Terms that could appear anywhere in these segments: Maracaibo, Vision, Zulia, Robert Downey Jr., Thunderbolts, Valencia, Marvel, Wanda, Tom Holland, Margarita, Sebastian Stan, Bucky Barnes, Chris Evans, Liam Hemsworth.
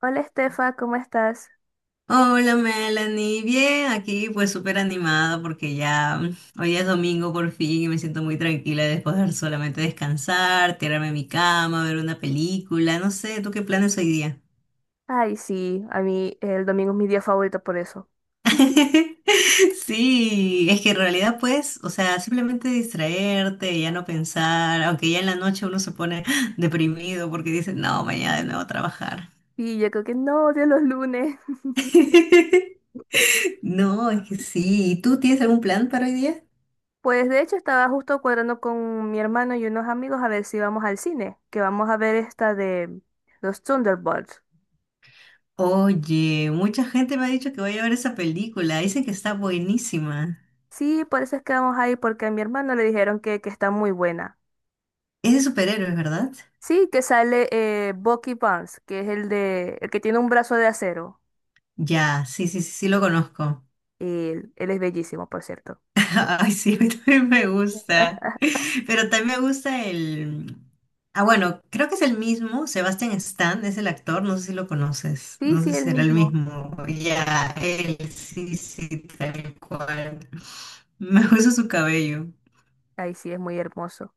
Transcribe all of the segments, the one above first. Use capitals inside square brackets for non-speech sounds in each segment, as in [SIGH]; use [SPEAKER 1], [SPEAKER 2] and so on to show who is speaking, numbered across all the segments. [SPEAKER 1] Hola Estefa, ¿cómo estás?
[SPEAKER 2] Hola Melanie, bien, aquí pues súper animada porque ya hoy es domingo por fin y me siento muy tranquila de poder solamente descansar, tirarme en mi cama, ver una película, no sé, ¿tú qué planes hoy día?
[SPEAKER 1] Ay, sí, a mí el domingo es mi día favorito por eso.
[SPEAKER 2] [LAUGHS]
[SPEAKER 1] [LAUGHS]
[SPEAKER 2] Sí, es que en realidad pues, o sea, simplemente distraerte, ya no pensar, aunque ya en la noche uno se pone [GASPS] deprimido porque dice, no, mañana de nuevo a trabajar.
[SPEAKER 1] Y yo creo que no odio los lunes.
[SPEAKER 2] [LAUGHS] No, es que sí, ¿y tú tienes algún plan para hoy día?
[SPEAKER 1] Pues de hecho estaba justo cuadrando con mi hermano y unos amigos a ver si vamos al cine, que vamos a ver esta de los Thunderbolts.
[SPEAKER 2] Oye, mucha gente me ha dicho que voy a ver esa película. Dicen que está buenísima.
[SPEAKER 1] Sí, por eso es que vamos a ir, porque a mi hermano le dijeron que está muy buena.
[SPEAKER 2] Es de superhéroes, ¿verdad?
[SPEAKER 1] Sí, que sale Bucky Barnes, que es el de el que tiene un brazo de acero.
[SPEAKER 2] Ya, sí, sí, sí, sí lo conozco.
[SPEAKER 1] Y él es bellísimo, por cierto.
[SPEAKER 2] [LAUGHS] Ay, sí, a mí también me gusta.
[SPEAKER 1] [LAUGHS]
[SPEAKER 2] Pero también me gusta el... Ah, bueno, creo que es el mismo. Sebastian Stan es el actor. No sé si lo conoces.
[SPEAKER 1] Sí,
[SPEAKER 2] No
[SPEAKER 1] sí,
[SPEAKER 2] sé si
[SPEAKER 1] él
[SPEAKER 2] será el
[SPEAKER 1] mismo.
[SPEAKER 2] mismo. Ya, él, sí, sí, tal cual. Me gusta su cabello.
[SPEAKER 1] Ay, sí, es muy hermoso.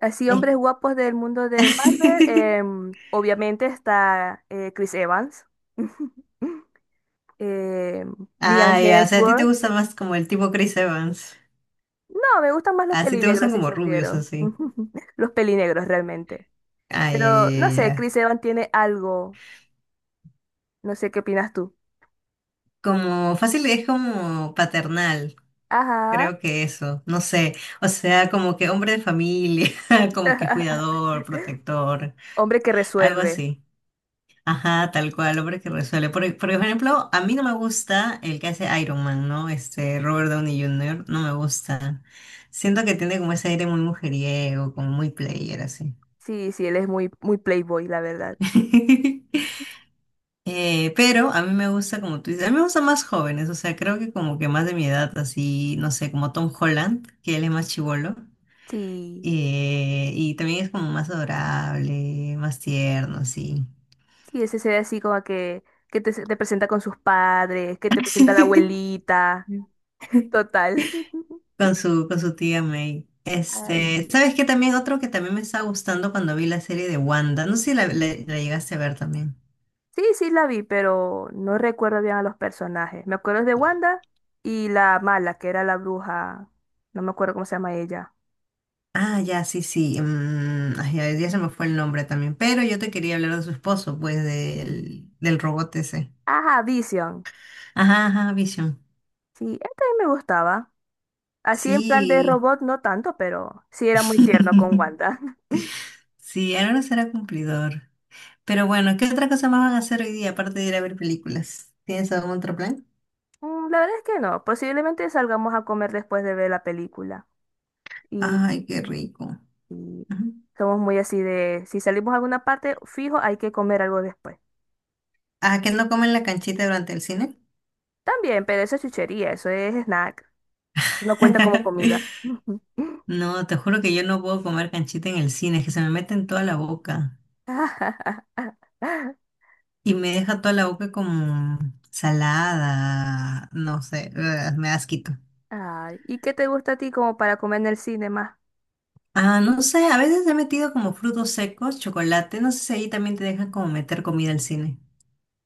[SPEAKER 1] Así, hombres
[SPEAKER 2] Eh.
[SPEAKER 1] guapos del mundo de Marvel.
[SPEAKER 2] [LAUGHS]
[SPEAKER 1] Obviamente está Chris Evans. [LAUGHS] em, Liam
[SPEAKER 2] Ah, ya, o sea, a ti te
[SPEAKER 1] Hemsworth.
[SPEAKER 2] gusta más como el tipo Chris Evans.
[SPEAKER 1] No, me gustan más los
[SPEAKER 2] Así te gustan
[SPEAKER 1] pelinegros, si
[SPEAKER 2] como rubios,
[SPEAKER 1] supieron.
[SPEAKER 2] así.
[SPEAKER 1] [LAUGHS] Los pelinegros, realmente. Pero, no
[SPEAKER 2] Ay, ya,
[SPEAKER 1] sé,
[SPEAKER 2] ya, ya.
[SPEAKER 1] Chris Evans tiene algo. No sé qué opinas tú.
[SPEAKER 2] Como fácil es como paternal,
[SPEAKER 1] Ajá.
[SPEAKER 2] creo que eso, no sé. O sea, como que hombre de familia, [LAUGHS] como que
[SPEAKER 1] [LAUGHS]
[SPEAKER 2] cuidador, protector,
[SPEAKER 1] Hombre que
[SPEAKER 2] algo
[SPEAKER 1] resuelve.
[SPEAKER 2] así. Ajá, tal cual, hombre que resuelve. Por ejemplo, a mí no me gusta el que hace Iron Man, ¿no? Este, Robert Downey Jr., no me gusta. Siento que tiene como ese aire muy mujeriego, como muy player, así.
[SPEAKER 1] Sí, sí, él es muy, muy playboy, la verdad.
[SPEAKER 2] [LAUGHS] Pero a mí me gusta, como tú dices, a mí me gustan más jóvenes, o sea, creo que como que más de mi edad, así, no sé, como Tom Holland, que él es más chibolo,
[SPEAKER 1] Sí,
[SPEAKER 2] y también es como más adorable, más tierno, así,
[SPEAKER 1] sí, ese se ve así como que te, te presenta con sus padres, que te presenta a la abuelita.
[SPEAKER 2] [LAUGHS]
[SPEAKER 1] [LAUGHS] Total. [LAUGHS]
[SPEAKER 2] con su tía May.
[SPEAKER 1] Ay,
[SPEAKER 2] Este, ¿sabes qué? También otro que también me estaba gustando cuando vi la serie de Wanda, no sé si la, la llegaste a ver también.
[SPEAKER 1] sí, sí, la vi, pero no recuerdo bien a los personajes. Me acuerdo de Wanda y la mala, que era la bruja. No me acuerdo cómo se llama ella.
[SPEAKER 2] Ah, ya, sí, sí, ay, ya, ya se me fue el nombre también, pero yo te quería hablar de su esposo, pues, del, del robot ese.
[SPEAKER 1] Ajá, Vision.
[SPEAKER 2] Ajá, ajá, Vision.
[SPEAKER 1] Sí, esta también me gustaba. Así en plan de
[SPEAKER 2] Sí.
[SPEAKER 1] robot, no tanto, pero sí era muy tierno con
[SPEAKER 2] [LAUGHS]
[SPEAKER 1] Wanda. [LAUGHS]
[SPEAKER 2] Sí, ahora será cumplidor. Pero bueno, ¿qué otra cosa más van a hacer hoy día aparte de ir a ver películas? ¿Tienes algún otro plan?
[SPEAKER 1] Mm, la verdad es que no. Posiblemente salgamos a comer después de ver la película. Y,
[SPEAKER 2] Ay, qué rico.
[SPEAKER 1] y
[SPEAKER 2] Ujú.
[SPEAKER 1] somos muy así de, si salimos a alguna parte, fijo, hay que comer algo después.
[SPEAKER 2] Ah, ¿que no comen la canchita durante el cine?
[SPEAKER 1] También, pero eso es chuchería, eso es snack. No cuenta como comida.
[SPEAKER 2] [LAUGHS]
[SPEAKER 1] [LAUGHS]
[SPEAKER 2] No, te juro que yo no puedo comer canchita en el cine, es que se me mete en toda la boca y me deja toda la boca como salada, no sé, ugh, me da asquito.
[SPEAKER 1] Ay, ¿y qué te gusta a ti como para comer en el cine más?
[SPEAKER 2] Ah, no sé, a veces he metido como frutos secos, chocolate, no sé si ahí también te dejan como meter comida al cine.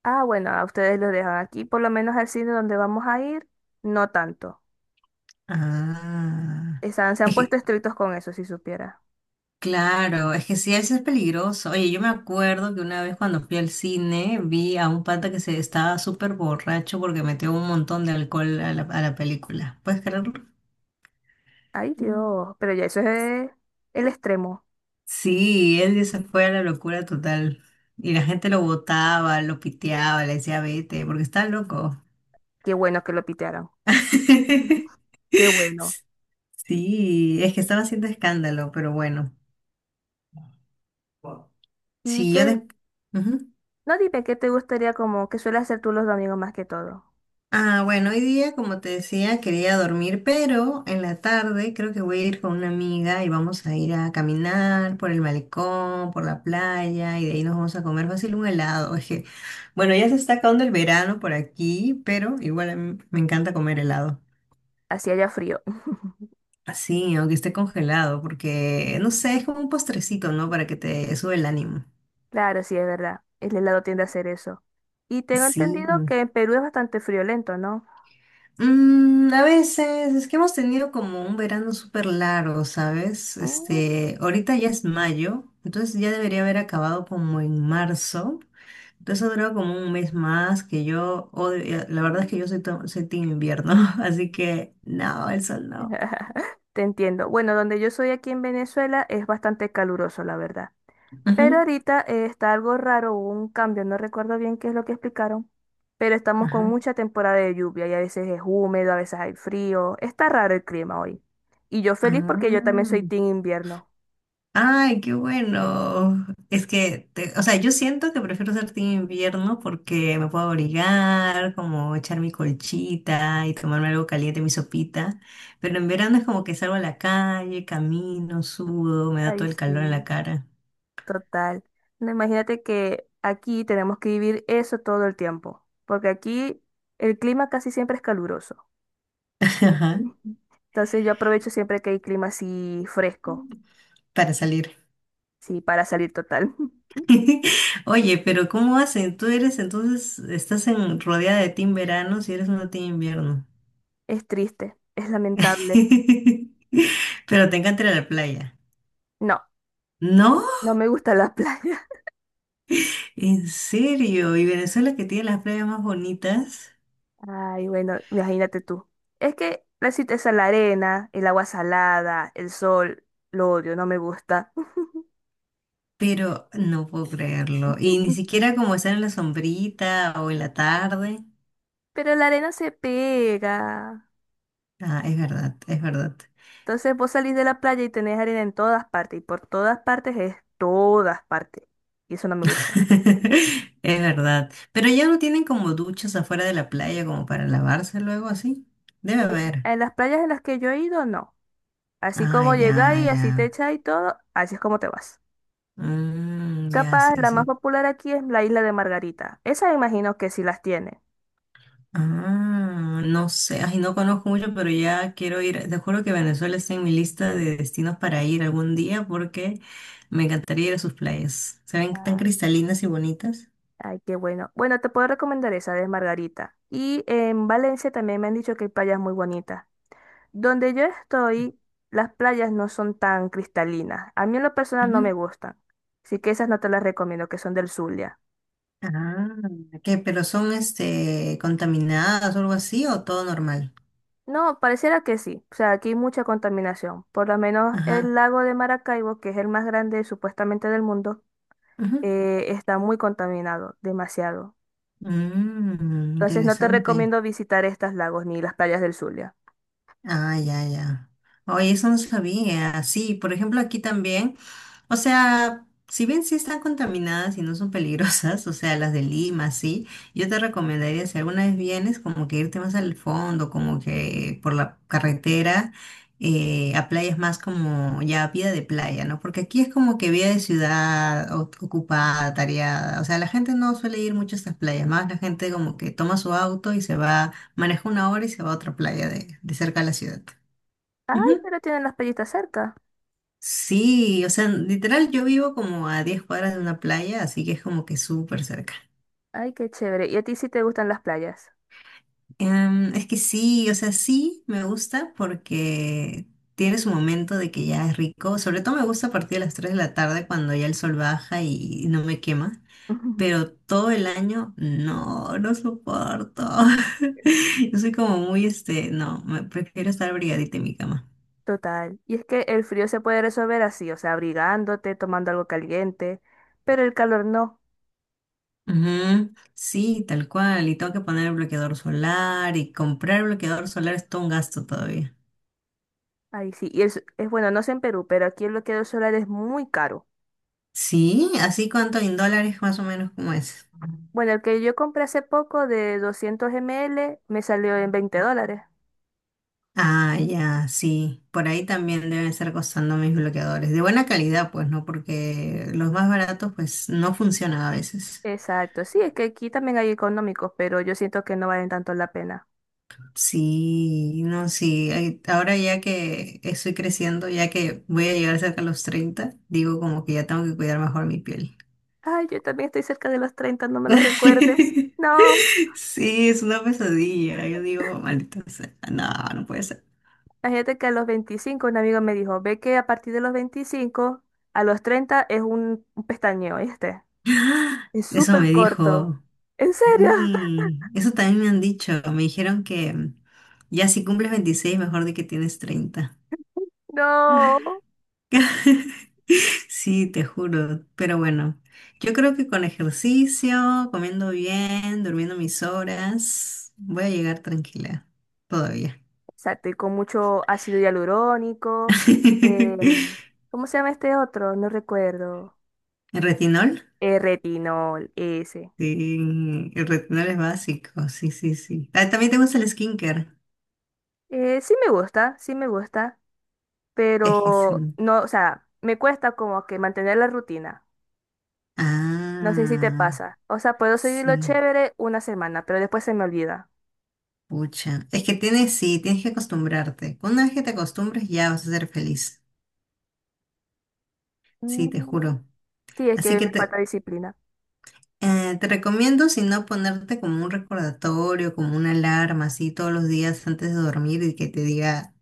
[SPEAKER 1] Ah, bueno, a ustedes los dejan aquí, por lo menos al cine donde vamos a ir, no tanto.
[SPEAKER 2] Ah,
[SPEAKER 1] Están, se han
[SPEAKER 2] es
[SPEAKER 1] puesto
[SPEAKER 2] que,
[SPEAKER 1] estrictos con eso, si supiera.
[SPEAKER 2] claro, es que sí, eso es peligroso. Oye, yo me acuerdo que una vez cuando fui al cine vi a un pata que se estaba súper borracho porque metió un montón de alcohol a la película. ¿Puedes creerlo?
[SPEAKER 1] Ay,
[SPEAKER 2] Mm.
[SPEAKER 1] Dios, pero ya eso es el extremo.
[SPEAKER 2] Sí, él ya se fue a la locura total. Y la gente lo botaba, lo piteaba, le decía vete, porque está loco.
[SPEAKER 1] Qué bueno que lo pitearon. [LAUGHS]
[SPEAKER 2] [LAUGHS]
[SPEAKER 1] Qué bueno.
[SPEAKER 2] Sí, es que estaba haciendo escándalo, pero bueno.
[SPEAKER 1] Y
[SPEAKER 2] Sí, yo
[SPEAKER 1] que,
[SPEAKER 2] después...
[SPEAKER 1] no, dime qué te gustaría como que suele hacer tú los domingos más que todo.
[SPEAKER 2] Ah, bueno, hoy día, como te decía, quería dormir, pero en la tarde creo que voy a ir con una amiga y vamos a ir a caminar por el malecón, por la playa y de ahí nos vamos a comer fácil un helado. Es que, bueno, ya se está acabando el verano por aquí, pero igual a mí me encanta comer helado.
[SPEAKER 1] Así haya frío. [LAUGHS]
[SPEAKER 2] Así, aunque esté congelado, porque no sé, es como un postrecito, ¿no? Para que te sube el ánimo.
[SPEAKER 1] Claro, sí, es verdad. El helado tiende a hacer eso. Y tengo
[SPEAKER 2] Sí.
[SPEAKER 1] entendido que en Perú es bastante friolento, ¿no?
[SPEAKER 2] A veces es que hemos tenido como un verano súper largo, ¿sabes?
[SPEAKER 1] Mm.
[SPEAKER 2] Este, ahorita ya es mayo, entonces ya debería haber acabado como en marzo. Entonces ha durado como un mes más que yo la verdad es que yo soy, soy team invierno, [LAUGHS] así que no, el sol no.
[SPEAKER 1] [LAUGHS] Te entiendo. Bueno, donde yo soy aquí en Venezuela es bastante caluroso, la verdad. Pero
[SPEAKER 2] Ujú,
[SPEAKER 1] ahorita está algo raro, hubo un cambio, no recuerdo bien qué es lo que explicaron, pero estamos con
[SPEAKER 2] ajá.
[SPEAKER 1] mucha temporada de lluvia y a veces es húmedo, a veces hay frío, está raro el clima hoy. Y yo feliz porque yo también
[SPEAKER 2] Ah.
[SPEAKER 1] soy team invierno.
[SPEAKER 2] Ay, qué bueno. Es que, o sea, yo siento que prefiero ser team invierno porque me puedo abrigar, como echar mi colchita y tomarme algo caliente, mi sopita. Pero en verano es como que salgo a la calle, camino, sudo, me da
[SPEAKER 1] Ay,
[SPEAKER 2] todo el calor en la
[SPEAKER 1] sí,
[SPEAKER 2] cara.
[SPEAKER 1] total. No, imagínate que aquí tenemos que vivir eso todo el tiempo, porque aquí el clima casi siempre es caluroso.
[SPEAKER 2] [LAUGHS] Ajá.
[SPEAKER 1] Ujú. Entonces yo aprovecho siempre que hay clima así fresco,
[SPEAKER 2] Para salir.
[SPEAKER 1] sí, para salir total. [LAUGHS]
[SPEAKER 2] [LAUGHS] Oye, pero ¿cómo hacen? Tú eres entonces, estás en rodeada de team verano si eres una team invierno.
[SPEAKER 1] Es triste, es lamentable.
[SPEAKER 2] [LAUGHS] Pero te encanta ir a la playa.
[SPEAKER 1] No.
[SPEAKER 2] ¿No?
[SPEAKER 1] No me gusta la playa.
[SPEAKER 2] En serio, y Venezuela que tiene las playas más bonitas,
[SPEAKER 1] [LAUGHS] Ay, bueno, imagínate tú. Es que la cita es a la arena, el agua salada, el sol, lo odio, no me gusta.
[SPEAKER 2] pero no puedo creerlo. Y ni
[SPEAKER 1] [LAUGHS]
[SPEAKER 2] siquiera como estar en la sombrita o en la tarde.
[SPEAKER 1] Pero la arena se pega.
[SPEAKER 2] Ah, es verdad, es verdad.
[SPEAKER 1] Entonces vos salís de la playa y tenés arena en todas partes. Y por todas partes es todas partes. Y eso no me gusta.
[SPEAKER 2] [LAUGHS] Es verdad. Pero ya no tienen como duchas afuera de la playa como para lavarse luego así. Debe haber.
[SPEAKER 1] En las playas en las que yo he ido, no. Así
[SPEAKER 2] Ah,
[SPEAKER 1] como llegáis,
[SPEAKER 2] ya,
[SPEAKER 1] y
[SPEAKER 2] ya.
[SPEAKER 1] así te echáis y todo, así es como te vas.
[SPEAKER 2] Mm, ya,
[SPEAKER 1] Capaz,
[SPEAKER 2] sí,
[SPEAKER 1] la más
[SPEAKER 2] sí.
[SPEAKER 1] popular aquí es la isla de Margarita. Esa imagino que sí las tiene.
[SPEAKER 2] Ah, no sé, ay, no conozco mucho, pero ya quiero ir. Te juro que Venezuela está en mi lista de destinos para ir algún día porque me encantaría ir a sus playas. Se ven tan cristalinas y bonitas.
[SPEAKER 1] Ay, qué bueno. Bueno, te puedo recomendar esa de Margarita. Y en Valencia también me han dicho que hay playas muy bonitas. Donde yo estoy, las playas no son tan cristalinas. A mí en lo personal no me
[SPEAKER 2] Ujú.
[SPEAKER 1] gustan. Así que esas no te las recomiendo, que son del Zulia.
[SPEAKER 2] Ah, ¿qué? ¿Pero son este contaminadas o algo así o todo normal?
[SPEAKER 1] No, pareciera que sí. O sea, aquí hay mucha contaminación. Por lo menos el
[SPEAKER 2] Ajá.
[SPEAKER 1] lago de Maracaibo, que es el más grande supuestamente del mundo,
[SPEAKER 2] Ujú.
[SPEAKER 1] está muy contaminado, demasiado. Entonces no te
[SPEAKER 2] Interesante.
[SPEAKER 1] recomiendo visitar estos lagos ni las playas del Zulia.
[SPEAKER 2] Ah, ya, ya. Oye, eso no sabía. Sí, por ejemplo, aquí también. O sea, si bien sí están contaminadas y no son peligrosas, [LAUGHS] o sea, las de Lima, sí, yo te recomendaría, si alguna vez vienes, como que irte más al fondo, como que por la carretera, a playas más como ya vida de playa, ¿no? Porque aquí es como que vida de ciudad ocupada, tareada. O sea, la gente no suele ir mucho a estas playas, más la gente como que toma su auto y se va. Maneja una hora y se va a otra playa de cerca de la ciudad.
[SPEAKER 1] Ay,
[SPEAKER 2] Ujú.
[SPEAKER 1] pero tienen las playitas cerca.
[SPEAKER 2] Sí, o sea, literal yo vivo como a 10 cuadras de una playa, así que es como que súper cerca.
[SPEAKER 1] Ay, qué chévere. ¿Y a ti sí te gustan las playas?
[SPEAKER 2] Es que sí, o sea, sí me gusta porque tiene su momento de que ya es rico. Sobre todo me gusta a partir de las 3 de la tarde cuando ya el sol baja y no me quema.
[SPEAKER 1] [LAUGHS]
[SPEAKER 2] Pero todo el año no, no soporto. [LAUGHS] Yo soy como muy, este, no, me prefiero estar abrigadita en mi cama.
[SPEAKER 1] Total. Y es que el frío se puede resolver así, o sea, abrigándote, tomando algo caliente, pero el calor no.
[SPEAKER 2] Ujú, sí, tal cual. Y tengo que poner el bloqueador solar y comprar el bloqueador solar es todo un gasto todavía.
[SPEAKER 1] Ahí sí. Y es bueno, no sé en Perú, pero aquí el bloqueador solar es muy caro.
[SPEAKER 2] Sí, así cuánto en dólares más o menos como es.
[SPEAKER 1] Bueno, el que yo compré hace poco de 200 ml me salió en 20 dólares.
[SPEAKER 2] Ah, ya, sí. Por ahí también deben estar costando mis bloqueadores. De buena calidad, pues, ¿no? Porque los más baratos, pues, no funcionan a veces.
[SPEAKER 1] Exacto. Sí, es que aquí también hay económicos, pero yo siento que no valen tanto la pena.
[SPEAKER 2] Sí, no, sí. Ahora ya que estoy creciendo, ya que voy a llegar cerca a los 30 digo como que ya tengo que cuidar mejor mi piel.
[SPEAKER 1] Ay, yo también estoy cerca de los 30. No me lo recuerdes.
[SPEAKER 2] [LAUGHS]
[SPEAKER 1] No.
[SPEAKER 2] Sí, es una pesadilla. Yo digo, maldita sea, no, no puede ser.
[SPEAKER 1] Imagínate que a los 25 un amigo me dijo, ve que a partir de los 25, a los 30 es un pestañeo, este.
[SPEAKER 2] [GASPS]
[SPEAKER 1] Es
[SPEAKER 2] Eso
[SPEAKER 1] súper
[SPEAKER 2] me
[SPEAKER 1] corto.
[SPEAKER 2] dijo.
[SPEAKER 1] ¿En serio? [LAUGHS]
[SPEAKER 2] Eso también me han dicho. Me dijeron que ya si cumples 26, mejor de que tienes 30.
[SPEAKER 1] No.
[SPEAKER 2] [LAUGHS] Sí, te juro. Pero bueno, yo creo que con ejercicio, comiendo bien, durmiendo mis horas, voy a llegar tranquila todavía.
[SPEAKER 1] Exacto, y con mucho ácido hialurónico. Em,
[SPEAKER 2] [LAUGHS]
[SPEAKER 1] ¿cómo se llama este otro? No recuerdo.
[SPEAKER 2] ¿Retinol?
[SPEAKER 1] Retinol, ese.
[SPEAKER 2] Sí, el retinol es básico, sí, sí, sí. Ah, también te gusta el skincare.
[SPEAKER 1] Sí me gusta,
[SPEAKER 2] Es que sí.
[SPEAKER 1] pero no, o sea, me cuesta como que mantener la rutina. No sé si te
[SPEAKER 2] Ah,
[SPEAKER 1] pasa. O sea, puedo seguirlo
[SPEAKER 2] sí.
[SPEAKER 1] chévere una semana, pero después se me olvida.
[SPEAKER 2] Pucha. Es que tienes, sí, tienes que acostumbrarte. Una vez que te acostumbres ya vas a ser feliz. Sí, te
[SPEAKER 1] Mm,
[SPEAKER 2] juro.
[SPEAKER 1] sí, es
[SPEAKER 2] Así
[SPEAKER 1] que
[SPEAKER 2] que
[SPEAKER 1] me
[SPEAKER 2] te,
[SPEAKER 1] falta disciplina.
[SPEAKER 2] eh, te recomiendo, si no, ponerte como un recordatorio, como una alarma, así todos los días antes de dormir y que te diga,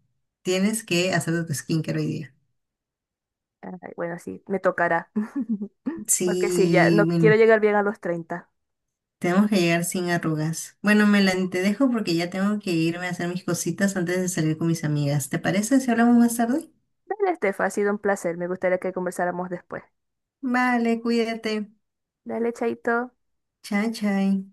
[SPEAKER 2] tienes que hacer tu skincare hoy día.
[SPEAKER 1] Ay, bueno, sí, me tocará. [LAUGHS] Porque sí, ya
[SPEAKER 2] Sí,
[SPEAKER 1] no quiero
[SPEAKER 2] bueno.
[SPEAKER 1] llegar bien a los 30.
[SPEAKER 2] Tenemos que llegar sin arrugas. Bueno, Melanie, te dejo porque ya tengo que irme a hacer mis cositas antes de salir con mis amigas. ¿Te parece si hablamos más tarde?
[SPEAKER 1] Dale, Estefa, ha sido un placer. Me gustaría que conversáramos después.
[SPEAKER 2] Vale, cuídate.
[SPEAKER 1] Dale, chaito.
[SPEAKER 2] Chao, chao.